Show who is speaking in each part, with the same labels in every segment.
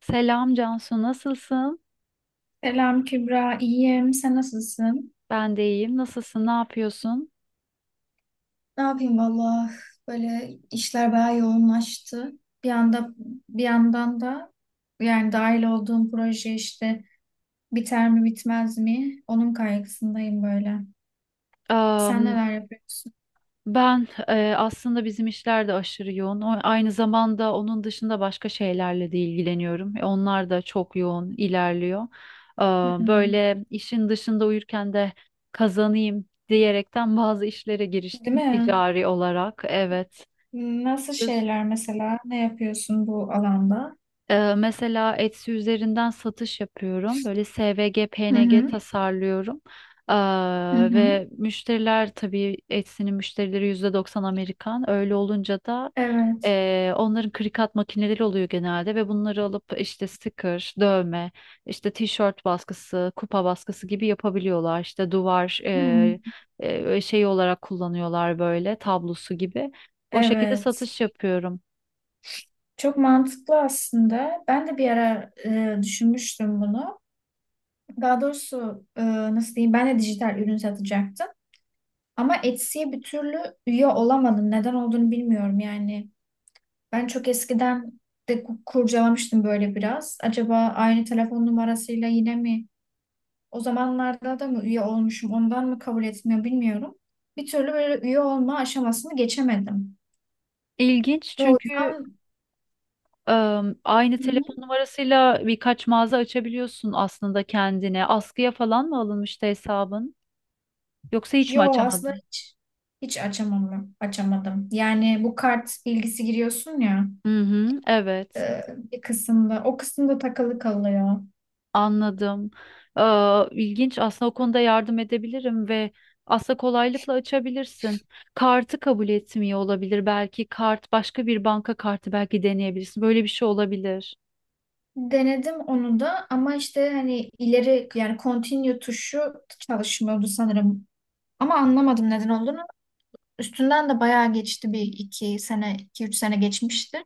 Speaker 1: Selam Cansu, nasılsın?
Speaker 2: Selam Kübra, iyiyim. Sen nasılsın?
Speaker 1: Ben de iyiyim. Nasılsın? Ne yapıyorsun?
Speaker 2: Ne yapayım valla, böyle işler bayağı yoğunlaştı. Bir anda bir yandan da yani dahil olduğum proje işte biter mi bitmez mi? Onun kaygısındayım böyle. Sen
Speaker 1: Am,
Speaker 2: neler yapıyorsun?
Speaker 1: ben aslında bizim işler de aşırı yoğun. Aynı zamanda onun dışında başka şeylerle de ilgileniyorum. Onlar da çok yoğun ilerliyor. Am,
Speaker 2: Hmm.
Speaker 1: böyle işin dışında uyurken de kazanayım diyerekten bazı işlere
Speaker 2: Değil
Speaker 1: giriştim
Speaker 2: mi?
Speaker 1: ticari olarak. Evet.
Speaker 2: Nasıl şeyler mesela? Ne yapıyorsun bu alanda?
Speaker 1: Mesela Etsy üzerinden satış yapıyorum. Böyle SVG,
Speaker 2: Hı
Speaker 1: PNG
Speaker 2: hı.
Speaker 1: tasarlıyorum. Ee,
Speaker 2: Hı
Speaker 1: ve
Speaker 2: hı.
Speaker 1: müşteriler, tabii Etsy'nin müşterileri %90 Amerikan. Öyle olunca da
Speaker 2: Evet.
Speaker 1: onların krikat makineleri oluyor genelde ve bunları alıp işte sticker, dövme, işte tişört baskısı, kupa baskısı gibi yapabiliyorlar. İşte duvar
Speaker 2: Hı.
Speaker 1: şeyi olarak kullanıyorlar, böyle tablosu gibi. O şekilde
Speaker 2: Evet.
Speaker 1: satış yapıyorum.
Speaker 2: Çok mantıklı aslında. Ben de bir ara düşünmüştüm bunu. Daha doğrusu nasıl diyeyim, ben de dijital ürün satacaktım. Ama Etsy'ye bir türlü üye olamadım. Neden olduğunu bilmiyorum yani. Ben çok eskiden de kurcalamıştım böyle biraz. Acaba aynı telefon numarasıyla yine mi, o zamanlarda da mı üye olmuşum, ondan mı kabul etmiyor bilmiyorum. Bir türlü böyle üye olma aşamasını geçemedim.
Speaker 1: İlginç,
Speaker 2: Ve o
Speaker 1: çünkü
Speaker 2: yüzden.
Speaker 1: Aynı
Speaker 2: Hı hı.
Speaker 1: telefon numarasıyla birkaç mağaza açabiliyorsun aslında kendine. Askıya falan mı alınmıştı hesabın? Yoksa hiç mi
Speaker 2: Yo, aslında
Speaker 1: açamadın?
Speaker 2: hiç, açamam, açamadım. Yani bu kart bilgisi giriyorsun ya.
Speaker 1: Hı hı, evet,
Speaker 2: e, Bir kısımda. O kısımda takılı kalıyor.
Speaker 1: anladım. Aa, ilginç. Aslında o konuda yardım edebilirim ve aslında kolaylıkla açabilirsin. Kartı kabul etmiyor olabilir, belki kart başka bir banka kartı, belki deneyebilirsin. Böyle bir şey olabilir.
Speaker 2: Denedim onu da, ama işte hani ileri, yani continue tuşu çalışmıyordu sanırım. Ama anlamadım neden olduğunu. Üstünden de bayağı geçti, bir iki sene, iki üç sene geçmişti.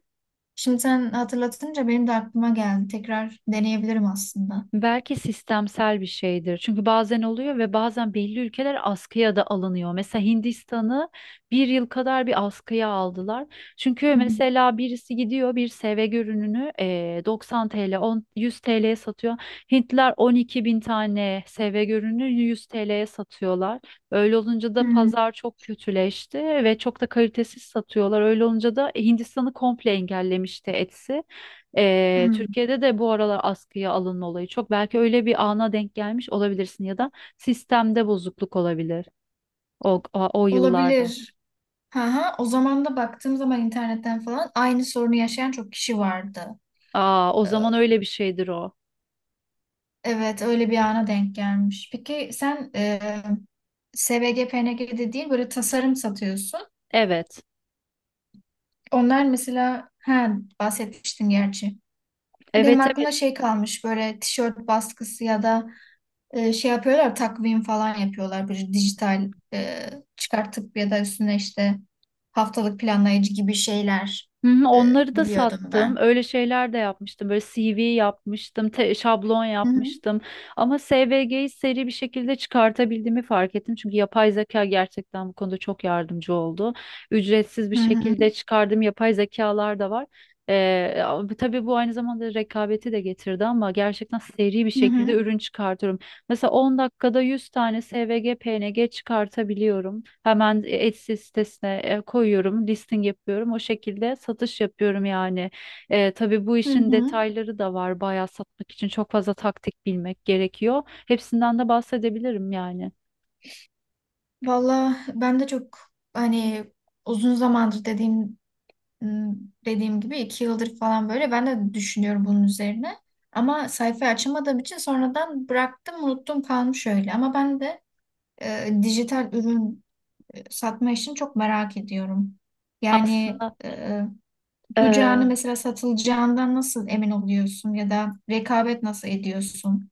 Speaker 2: Şimdi sen hatırlatınca benim de aklıma geldi. Tekrar deneyebilirim aslında.
Speaker 1: Belki sistemsel bir şeydir. Çünkü bazen oluyor ve bazen belli ülkeler askıya da alınıyor. Mesela Hindistan'ı bir yıl kadar bir askıya aldılar. Çünkü
Speaker 2: Hı hı.
Speaker 1: mesela birisi gidiyor bir sevgi ürününü 90 TL, 10, 100 TL'ye satıyor. Hintliler 12 bin tane sevgi ürünü 100 TL'ye satıyorlar. Öyle olunca da
Speaker 2: Hmm,
Speaker 1: pazar çok kötüleşti ve çok da kalitesiz satıyorlar. Öyle olunca da Hindistan'ı komple engellemişti Etsy. Ee,
Speaker 2: hmm.
Speaker 1: Türkiye'de de bu aralar askıya alınma olayı çok. Belki öyle bir ana denk gelmiş olabilirsin ya da sistemde bozukluk olabilir o yıllarda.
Speaker 2: Olabilir. Ha ha. O zaman da baktığım zaman internetten falan aynı sorunu yaşayan çok kişi vardı.
Speaker 1: Aa, o
Speaker 2: Ee,
Speaker 1: zaman öyle bir şeydir o.
Speaker 2: Evet, öyle bir ana denk gelmiş. Peki sen SVG, de değil, böyle tasarım satıyorsun.
Speaker 1: Evet.
Speaker 2: Onlar mesela ha, bahsetmiştin gerçi. Benim
Speaker 1: Evet, evet.
Speaker 2: aklımda şey kalmış, böyle tişört baskısı ya da şey yapıyorlar, takvim falan yapıyorlar. Bir dijital çıkartıp ya da üstüne işte haftalık planlayıcı gibi şeyler.
Speaker 1: Hı hı.
Speaker 2: e,
Speaker 1: Onları da
Speaker 2: Biliyordum
Speaker 1: sattım.
Speaker 2: ben.
Speaker 1: Öyle şeyler de yapmıştım. Böyle CV yapmıştım, şablon
Speaker 2: Hı hı.
Speaker 1: yapmıştım. Ama SVG'yi seri bir şekilde çıkartabildiğimi fark ettim. Çünkü yapay zeka gerçekten bu konuda çok yardımcı oldu. Ücretsiz bir
Speaker 2: Hı hı.
Speaker 1: şekilde çıkardığım yapay zekalar da var. Ama tabii bu aynı zamanda rekabeti de getirdi, ama gerçekten seri bir
Speaker 2: Hı
Speaker 1: şekilde
Speaker 2: hı.
Speaker 1: ürün çıkartıyorum. Mesela 10 dakikada 100 tane SVG, PNG çıkartabiliyorum. Hemen Etsy sitesine koyuyorum, listing yapıyorum. O şekilde satış yapıyorum yani. Tabii bu
Speaker 2: Hı
Speaker 1: işin
Speaker 2: hı.
Speaker 1: detayları da var. Bayağı satmak için çok fazla taktik bilmek gerekiyor. Hepsinden de bahsedebilirim yani.
Speaker 2: Valla ben de çok hani uzun zamandır Hmm, dediğim gibi 2 yıldır falan böyle ben de düşünüyorum bunun üzerine. Ama sayfayı açamadığım için sonradan bıraktım, unuttum, kalmış öyle. Ama ben de dijital ürün satma işini çok merak ediyorum. Yani
Speaker 1: Aslında e,
Speaker 2: tutacağını, mesela satılacağından nasıl emin oluyorsun ya da rekabet nasıl ediyorsun?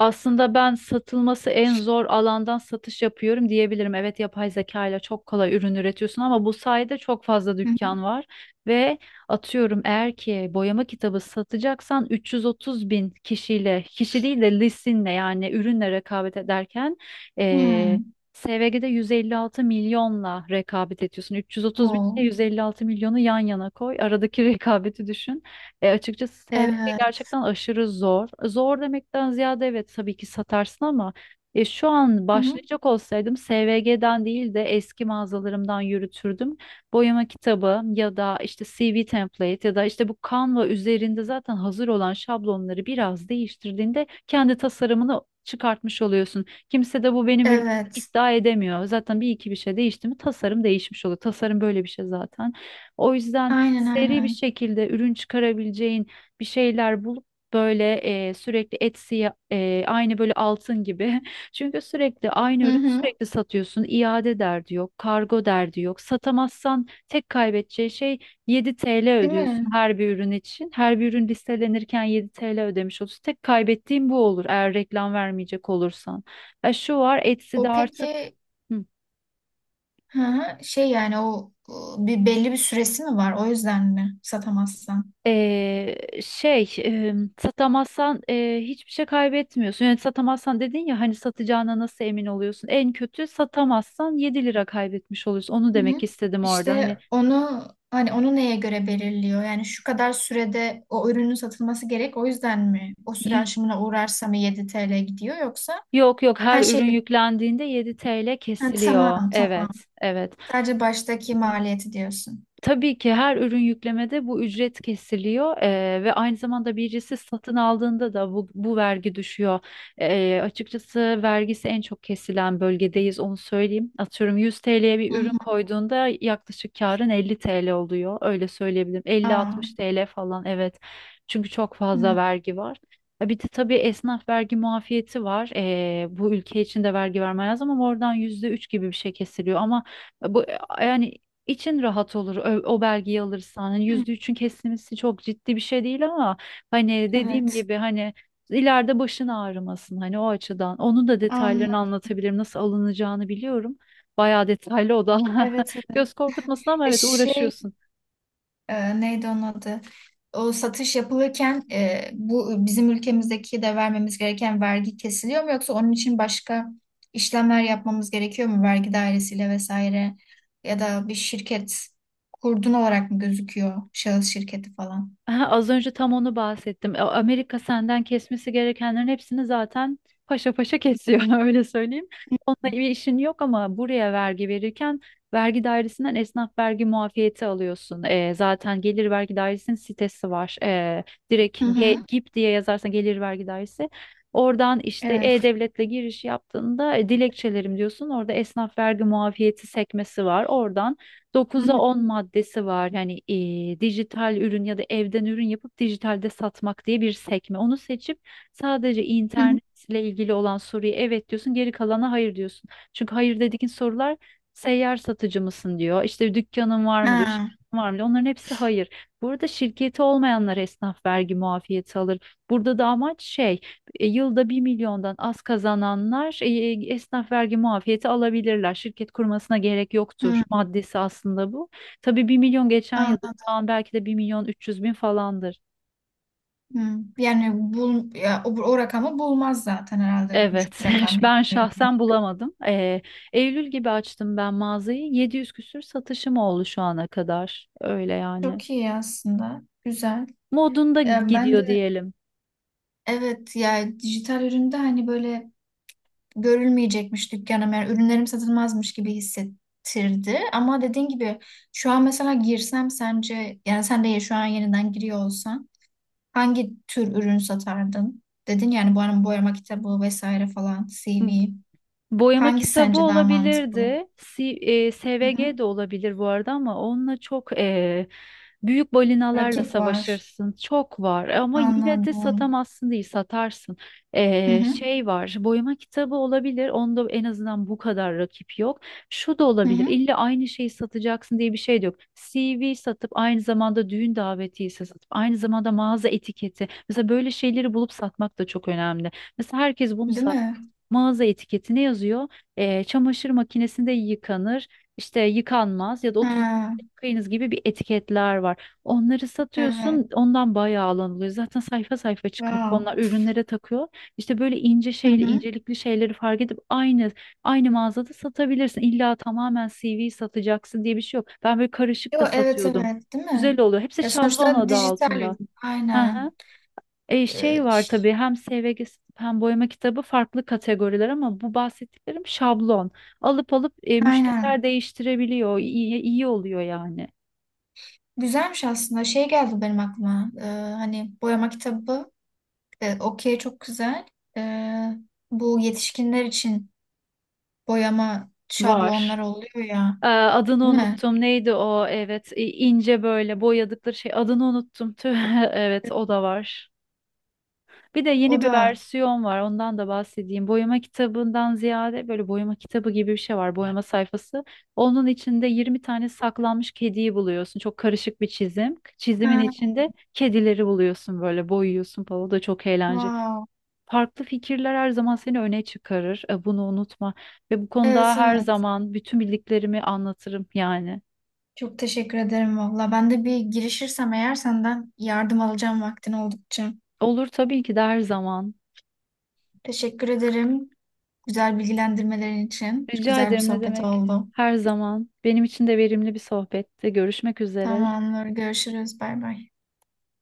Speaker 1: Aslında ben satılması en zor alandan satış yapıyorum diyebilirim. Evet, yapay zeka ile çok kolay ürün üretiyorsun ama bu sayede çok fazla
Speaker 2: Hı hı.
Speaker 1: dükkan var. Ve atıyorum, eğer ki boyama kitabı satacaksan 330 bin kişiyle, kişi değil de listinle, yani ürünle rekabet ederken eee
Speaker 2: Hmm.
Speaker 1: SVG'de 156 milyonla rekabet ediyorsun. 330 bin
Speaker 2: O.
Speaker 1: ile 156 milyonu yan yana koy. Aradaki rekabeti düşün. Açıkçası şey
Speaker 2: Evet.
Speaker 1: gerçekten aşırı zor. Zor demekten ziyade, evet, tabii ki satarsın, ama şu an
Speaker 2: Hı hı.
Speaker 1: başlayacak olsaydım SVG'den değil de eski mağazalarımdan yürütürdüm. Boyama kitabı ya da işte CV template ya da işte bu Canva üzerinde zaten hazır olan şablonları biraz değiştirdiğinde kendi tasarımını çıkartmış oluyorsun. Kimse de bu benim ürünüm
Speaker 2: Evet.
Speaker 1: iddia edemiyor. Zaten bir iki bir şey değişti mi tasarım değişmiş oluyor. Tasarım böyle bir şey zaten. O yüzden
Speaker 2: Aynen
Speaker 1: seri bir
Speaker 2: aynen.
Speaker 1: şekilde ürün çıkarabileceğin bir şeyler bulup böyle sürekli Etsy'ye aynı, böyle altın gibi. Çünkü sürekli aynı
Speaker 2: Hı
Speaker 1: ürün
Speaker 2: hı.
Speaker 1: sürekli satıyorsun. İade derdi yok, kargo derdi yok. Satamazsan tek kaybedeceği şey, 7 TL
Speaker 2: Değil
Speaker 1: ödüyorsun
Speaker 2: mi?
Speaker 1: her bir ürün için. Her bir ürün listelenirken 7 TL ödemiş olursun. Tek kaybettiğin bu olur, eğer reklam vermeyecek olursan. Ya, şu var Etsy'de
Speaker 2: O
Speaker 1: artık...
Speaker 2: peki.
Speaker 1: Hı.
Speaker 2: Hı hı. Şey yani, o bir belli bir süresi mi var? O yüzden mi satamazsan?
Speaker 1: Ee, şey, satamazsan hiçbir şey kaybetmiyorsun. Yani satamazsan dedin ya, hani satacağına nasıl emin oluyorsun? En kötü satamazsan 7 lira kaybetmiş oluyorsun. Onu
Speaker 2: Hı
Speaker 1: demek
Speaker 2: hı.
Speaker 1: istedim orada. Hani
Speaker 2: İşte onu hani, onu neye göre belirliyor? Yani şu kadar sürede o ürünün satılması gerek. O yüzden mi? O süre
Speaker 1: y-
Speaker 2: aşımına uğrarsa mı 7 TL gidiyor, yoksa
Speaker 1: yok, yok, her
Speaker 2: her
Speaker 1: ürün
Speaker 2: şey?
Speaker 1: yüklendiğinde 7 TL
Speaker 2: Ha,
Speaker 1: kesiliyor.
Speaker 2: tamam tamam.
Speaker 1: Evet, evet.
Speaker 2: Sadece baştaki maliyeti diyorsun.
Speaker 1: Tabii ki her ürün yüklemede bu ücret kesiliyor, ve aynı zamanda birisi satın aldığında da bu vergi düşüyor. Açıkçası vergisi en çok kesilen bölgedeyiz, onu söyleyeyim. Atıyorum, 100 TL'ye bir
Speaker 2: Hı
Speaker 1: ürün
Speaker 2: hı.
Speaker 1: koyduğunda yaklaşık karın 50 TL oluyor, öyle söyleyebilirim.
Speaker 2: Aa,
Speaker 1: 50-60 TL falan, evet, çünkü çok fazla
Speaker 2: hı.
Speaker 1: vergi var. Bir de tabii esnaf vergi muafiyeti var. Bu ülke için de vergi vermeye lazım ama oradan %3 gibi bir şey kesiliyor. Ama bu, yani, için rahat olur o belgeyi alırsan. Hani
Speaker 2: Hı.
Speaker 1: %3'ün kesilmesi çok ciddi bir şey değil, ama hani dediğim
Speaker 2: Evet.
Speaker 1: gibi, hani ileride başın ağrımasın, hani o açıdan. Onun da detaylarını
Speaker 2: Anladım.
Speaker 1: anlatabilirim. Nasıl alınacağını biliyorum. Bayağı detaylı o da.
Speaker 2: Evet evet.
Speaker 1: Göz korkutmasın, ama evet,
Speaker 2: Şey,
Speaker 1: uğraşıyorsun.
Speaker 2: neydi onun adı? O satış yapılırken, bu bizim ülkemizdeki de vermemiz gereken vergi kesiliyor mu, yoksa onun için başka işlemler yapmamız gerekiyor mu vergi dairesiyle vesaire, ya da bir şirket kurdun olarak mı gözüküyor, şahıs şirketi falan?
Speaker 1: Aha, az önce tam onu bahsettim. Amerika senden kesmesi gerekenlerin hepsini zaten paşa paşa kesiyor öyle söyleyeyim. Onunla bir işin yok, ama buraya vergi verirken vergi dairesinden esnaf vergi muafiyeti alıyorsun. Zaten Gelir Vergi Dairesi'nin sitesi var. Direkt
Speaker 2: Hı
Speaker 1: G
Speaker 2: hı.
Speaker 1: GİP diye yazarsan, Gelir Vergi Dairesi. Oradan işte
Speaker 2: Evet.
Speaker 1: E-Devlet'le giriş yaptığında dilekçelerim diyorsun. Orada esnaf vergi muafiyeti sekmesi var. Oradan
Speaker 2: Hı
Speaker 1: 9'a
Speaker 2: hı.
Speaker 1: 10 maddesi var. Yani dijital ürün ya da evden ürün yapıp dijitalde satmak diye bir sekme. Onu seçip sadece
Speaker 2: Hı hı.
Speaker 1: internetle ilgili olan soruya evet diyorsun, geri kalana hayır diyorsun. Çünkü hayır dediğin sorular, seyyar satıcı mısın diyor, işte dükkanın var mı diyor,
Speaker 2: Ha,
Speaker 1: şirketin var mı diyor. Onların hepsi hayır. Burada şirketi olmayanlar esnaf vergi muafiyeti alır. Burada da amaç şey, yılda 1 milyondan az kazananlar esnaf vergi muafiyeti alabilirler. Şirket kurmasına gerek yoktur
Speaker 2: hı.
Speaker 1: maddesi aslında bu. Tabii, 1 milyon geçen yıl, şu
Speaker 2: Anladım.
Speaker 1: an belki de 1 milyon 300 bin falandır.
Speaker 2: Hı. Yani ya, o rakamı bulmaz zaten herhalde, uçuk
Speaker 1: Evet,
Speaker 2: bir rakam gibi
Speaker 1: ben
Speaker 2: görünüyor.
Speaker 1: şahsen bulamadım. Eylül gibi açtım ben mağazayı. 700 küsür satışım oldu şu ana kadar. Öyle yani.
Speaker 2: Çok iyi aslında. Güzel.
Speaker 1: Modunda
Speaker 2: Ya ben
Speaker 1: gidiyor
Speaker 2: de.
Speaker 1: diyelim.
Speaker 2: Evet, yani dijital üründe hani böyle görülmeyecekmiş dükkanım, yani ürünlerim satılmazmış gibi hissettirdi. Ama dediğin gibi şu an mesela girsem, sence yani sen de şu an yeniden giriyor olsan hangi tür ürün satardın? Dedin yani, bu arada boyama kitabı vesaire falan, CV.
Speaker 1: Boyama
Speaker 2: Hangisi
Speaker 1: kitabı
Speaker 2: sence daha mantıklı?
Speaker 1: olabilirdi.
Speaker 2: Hı
Speaker 1: SVG
Speaker 2: hı.
Speaker 1: de olabilir bu arada, ama onunla çok büyük balinalarla
Speaker 2: Rakip var.
Speaker 1: savaşırsın. Çok var ama yine de
Speaker 2: Anladım.
Speaker 1: satamazsın değil, satarsın.
Speaker 2: Hı
Speaker 1: E,
Speaker 2: hı.
Speaker 1: şey var, boyama kitabı olabilir. Onda en azından bu kadar rakip yok. Şu da
Speaker 2: Hı
Speaker 1: olabilir.
Speaker 2: hı.
Speaker 1: İlla aynı şeyi satacaksın diye bir şey de yok. CV satıp aynı zamanda düğün davetiyesi satıp aynı zamanda mağaza etiketi. Mesela böyle şeyleri bulup satmak da çok önemli. Mesela herkes bunu
Speaker 2: Değil
Speaker 1: sat,
Speaker 2: mi?
Speaker 1: mağaza etiketine yazıyor. Çamaşır makinesinde yıkanır, işte yıkanmaz ya da 30
Speaker 2: Ha,
Speaker 1: dakika yıkayınız gibi bir etiketler var. Onları
Speaker 2: evet.
Speaker 1: satıyorsun, ondan bayağı alan oluyor. Zaten sayfa sayfa çıkarıp
Speaker 2: Wow.
Speaker 1: onlar ürünlere takıyor. İşte böyle ince
Speaker 2: Hı
Speaker 1: şeyli,
Speaker 2: hı.
Speaker 1: incelikli şeyleri fark edip aynı mağazada satabilirsin. İlla tamamen CV satacaksın diye bir şey yok. Ben böyle karışık
Speaker 2: Yo,
Speaker 1: da
Speaker 2: evet
Speaker 1: satıyordum.
Speaker 2: evet, değil
Speaker 1: Güzel
Speaker 2: mi?
Speaker 1: oluyor. Hepsi
Speaker 2: Ya
Speaker 1: şablon
Speaker 2: sonuçta
Speaker 1: adı
Speaker 2: dijital
Speaker 1: altında.
Speaker 2: ürün.
Speaker 1: Hı
Speaker 2: Aynen.
Speaker 1: hı. Şey
Speaker 2: Ee,
Speaker 1: var
Speaker 2: ş-
Speaker 1: tabii, hem SVG hem boyama kitabı farklı kategoriler, ama bu bahsettiklerim şablon. Alıp alıp müşteriler
Speaker 2: aynen.
Speaker 1: değiştirebiliyor. İyi, iyi oluyor yani.
Speaker 2: Güzelmiş aslında. Şey geldi benim aklıma. Hani boyama kitabı. Okey, çok güzel. Ee, Bu yetişkinler için boyama
Speaker 1: Var.
Speaker 2: şablonları oluyor ya.
Speaker 1: Adını
Speaker 2: Değil mi?
Speaker 1: unuttum. Neydi o? Evet, ince böyle boyadıkları şey. Adını unuttum. Tüh.
Speaker 2: E,
Speaker 1: Evet, o da var. Bir de
Speaker 2: O
Speaker 1: yeni bir
Speaker 2: da.
Speaker 1: versiyon var. Ondan da bahsedeyim. Boyama kitabından ziyade böyle boyama kitabı gibi bir şey var. Boyama sayfası. Onun içinde 20 tane saklanmış kediyi buluyorsun. Çok karışık bir çizim. Çizimin
Speaker 2: Ha,
Speaker 1: içinde kedileri buluyorsun, böyle boyuyorsun falan. O da çok eğlenceli.
Speaker 2: wow.
Speaker 1: Farklı fikirler her zaman seni öne çıkarır. Bunu unutma. Ve bu
Speaker 2: Evet
Speaker 1: konuda her
Speaker 2: evet.
Speaker 1: zaman bütün bildiklerimi anlatırım yani.
Speaker 2: Çok teşekkür ederim valla. Ben de bir girişirsem eğer, senden yardım alacağım vaktin oldukça.
Speaker 1: Olur tabii ki de, her zaman.
Speaker 2: Teşekkür ederim. Güzel bilgilendirmelerin için.
Speaker 1: Rica
Speaker 2: Güzel bir
Speaker 1: ederim, ne
Speaker 2: sohbet
Speaker 1: demek?
Speaker 2: oldu.
Speaker 1: Her zaman. Benim için de verimli bir sohbette. Görüşmek üzere.
Speaker 2: Tamamdır. Görüşürüz. Bay bay.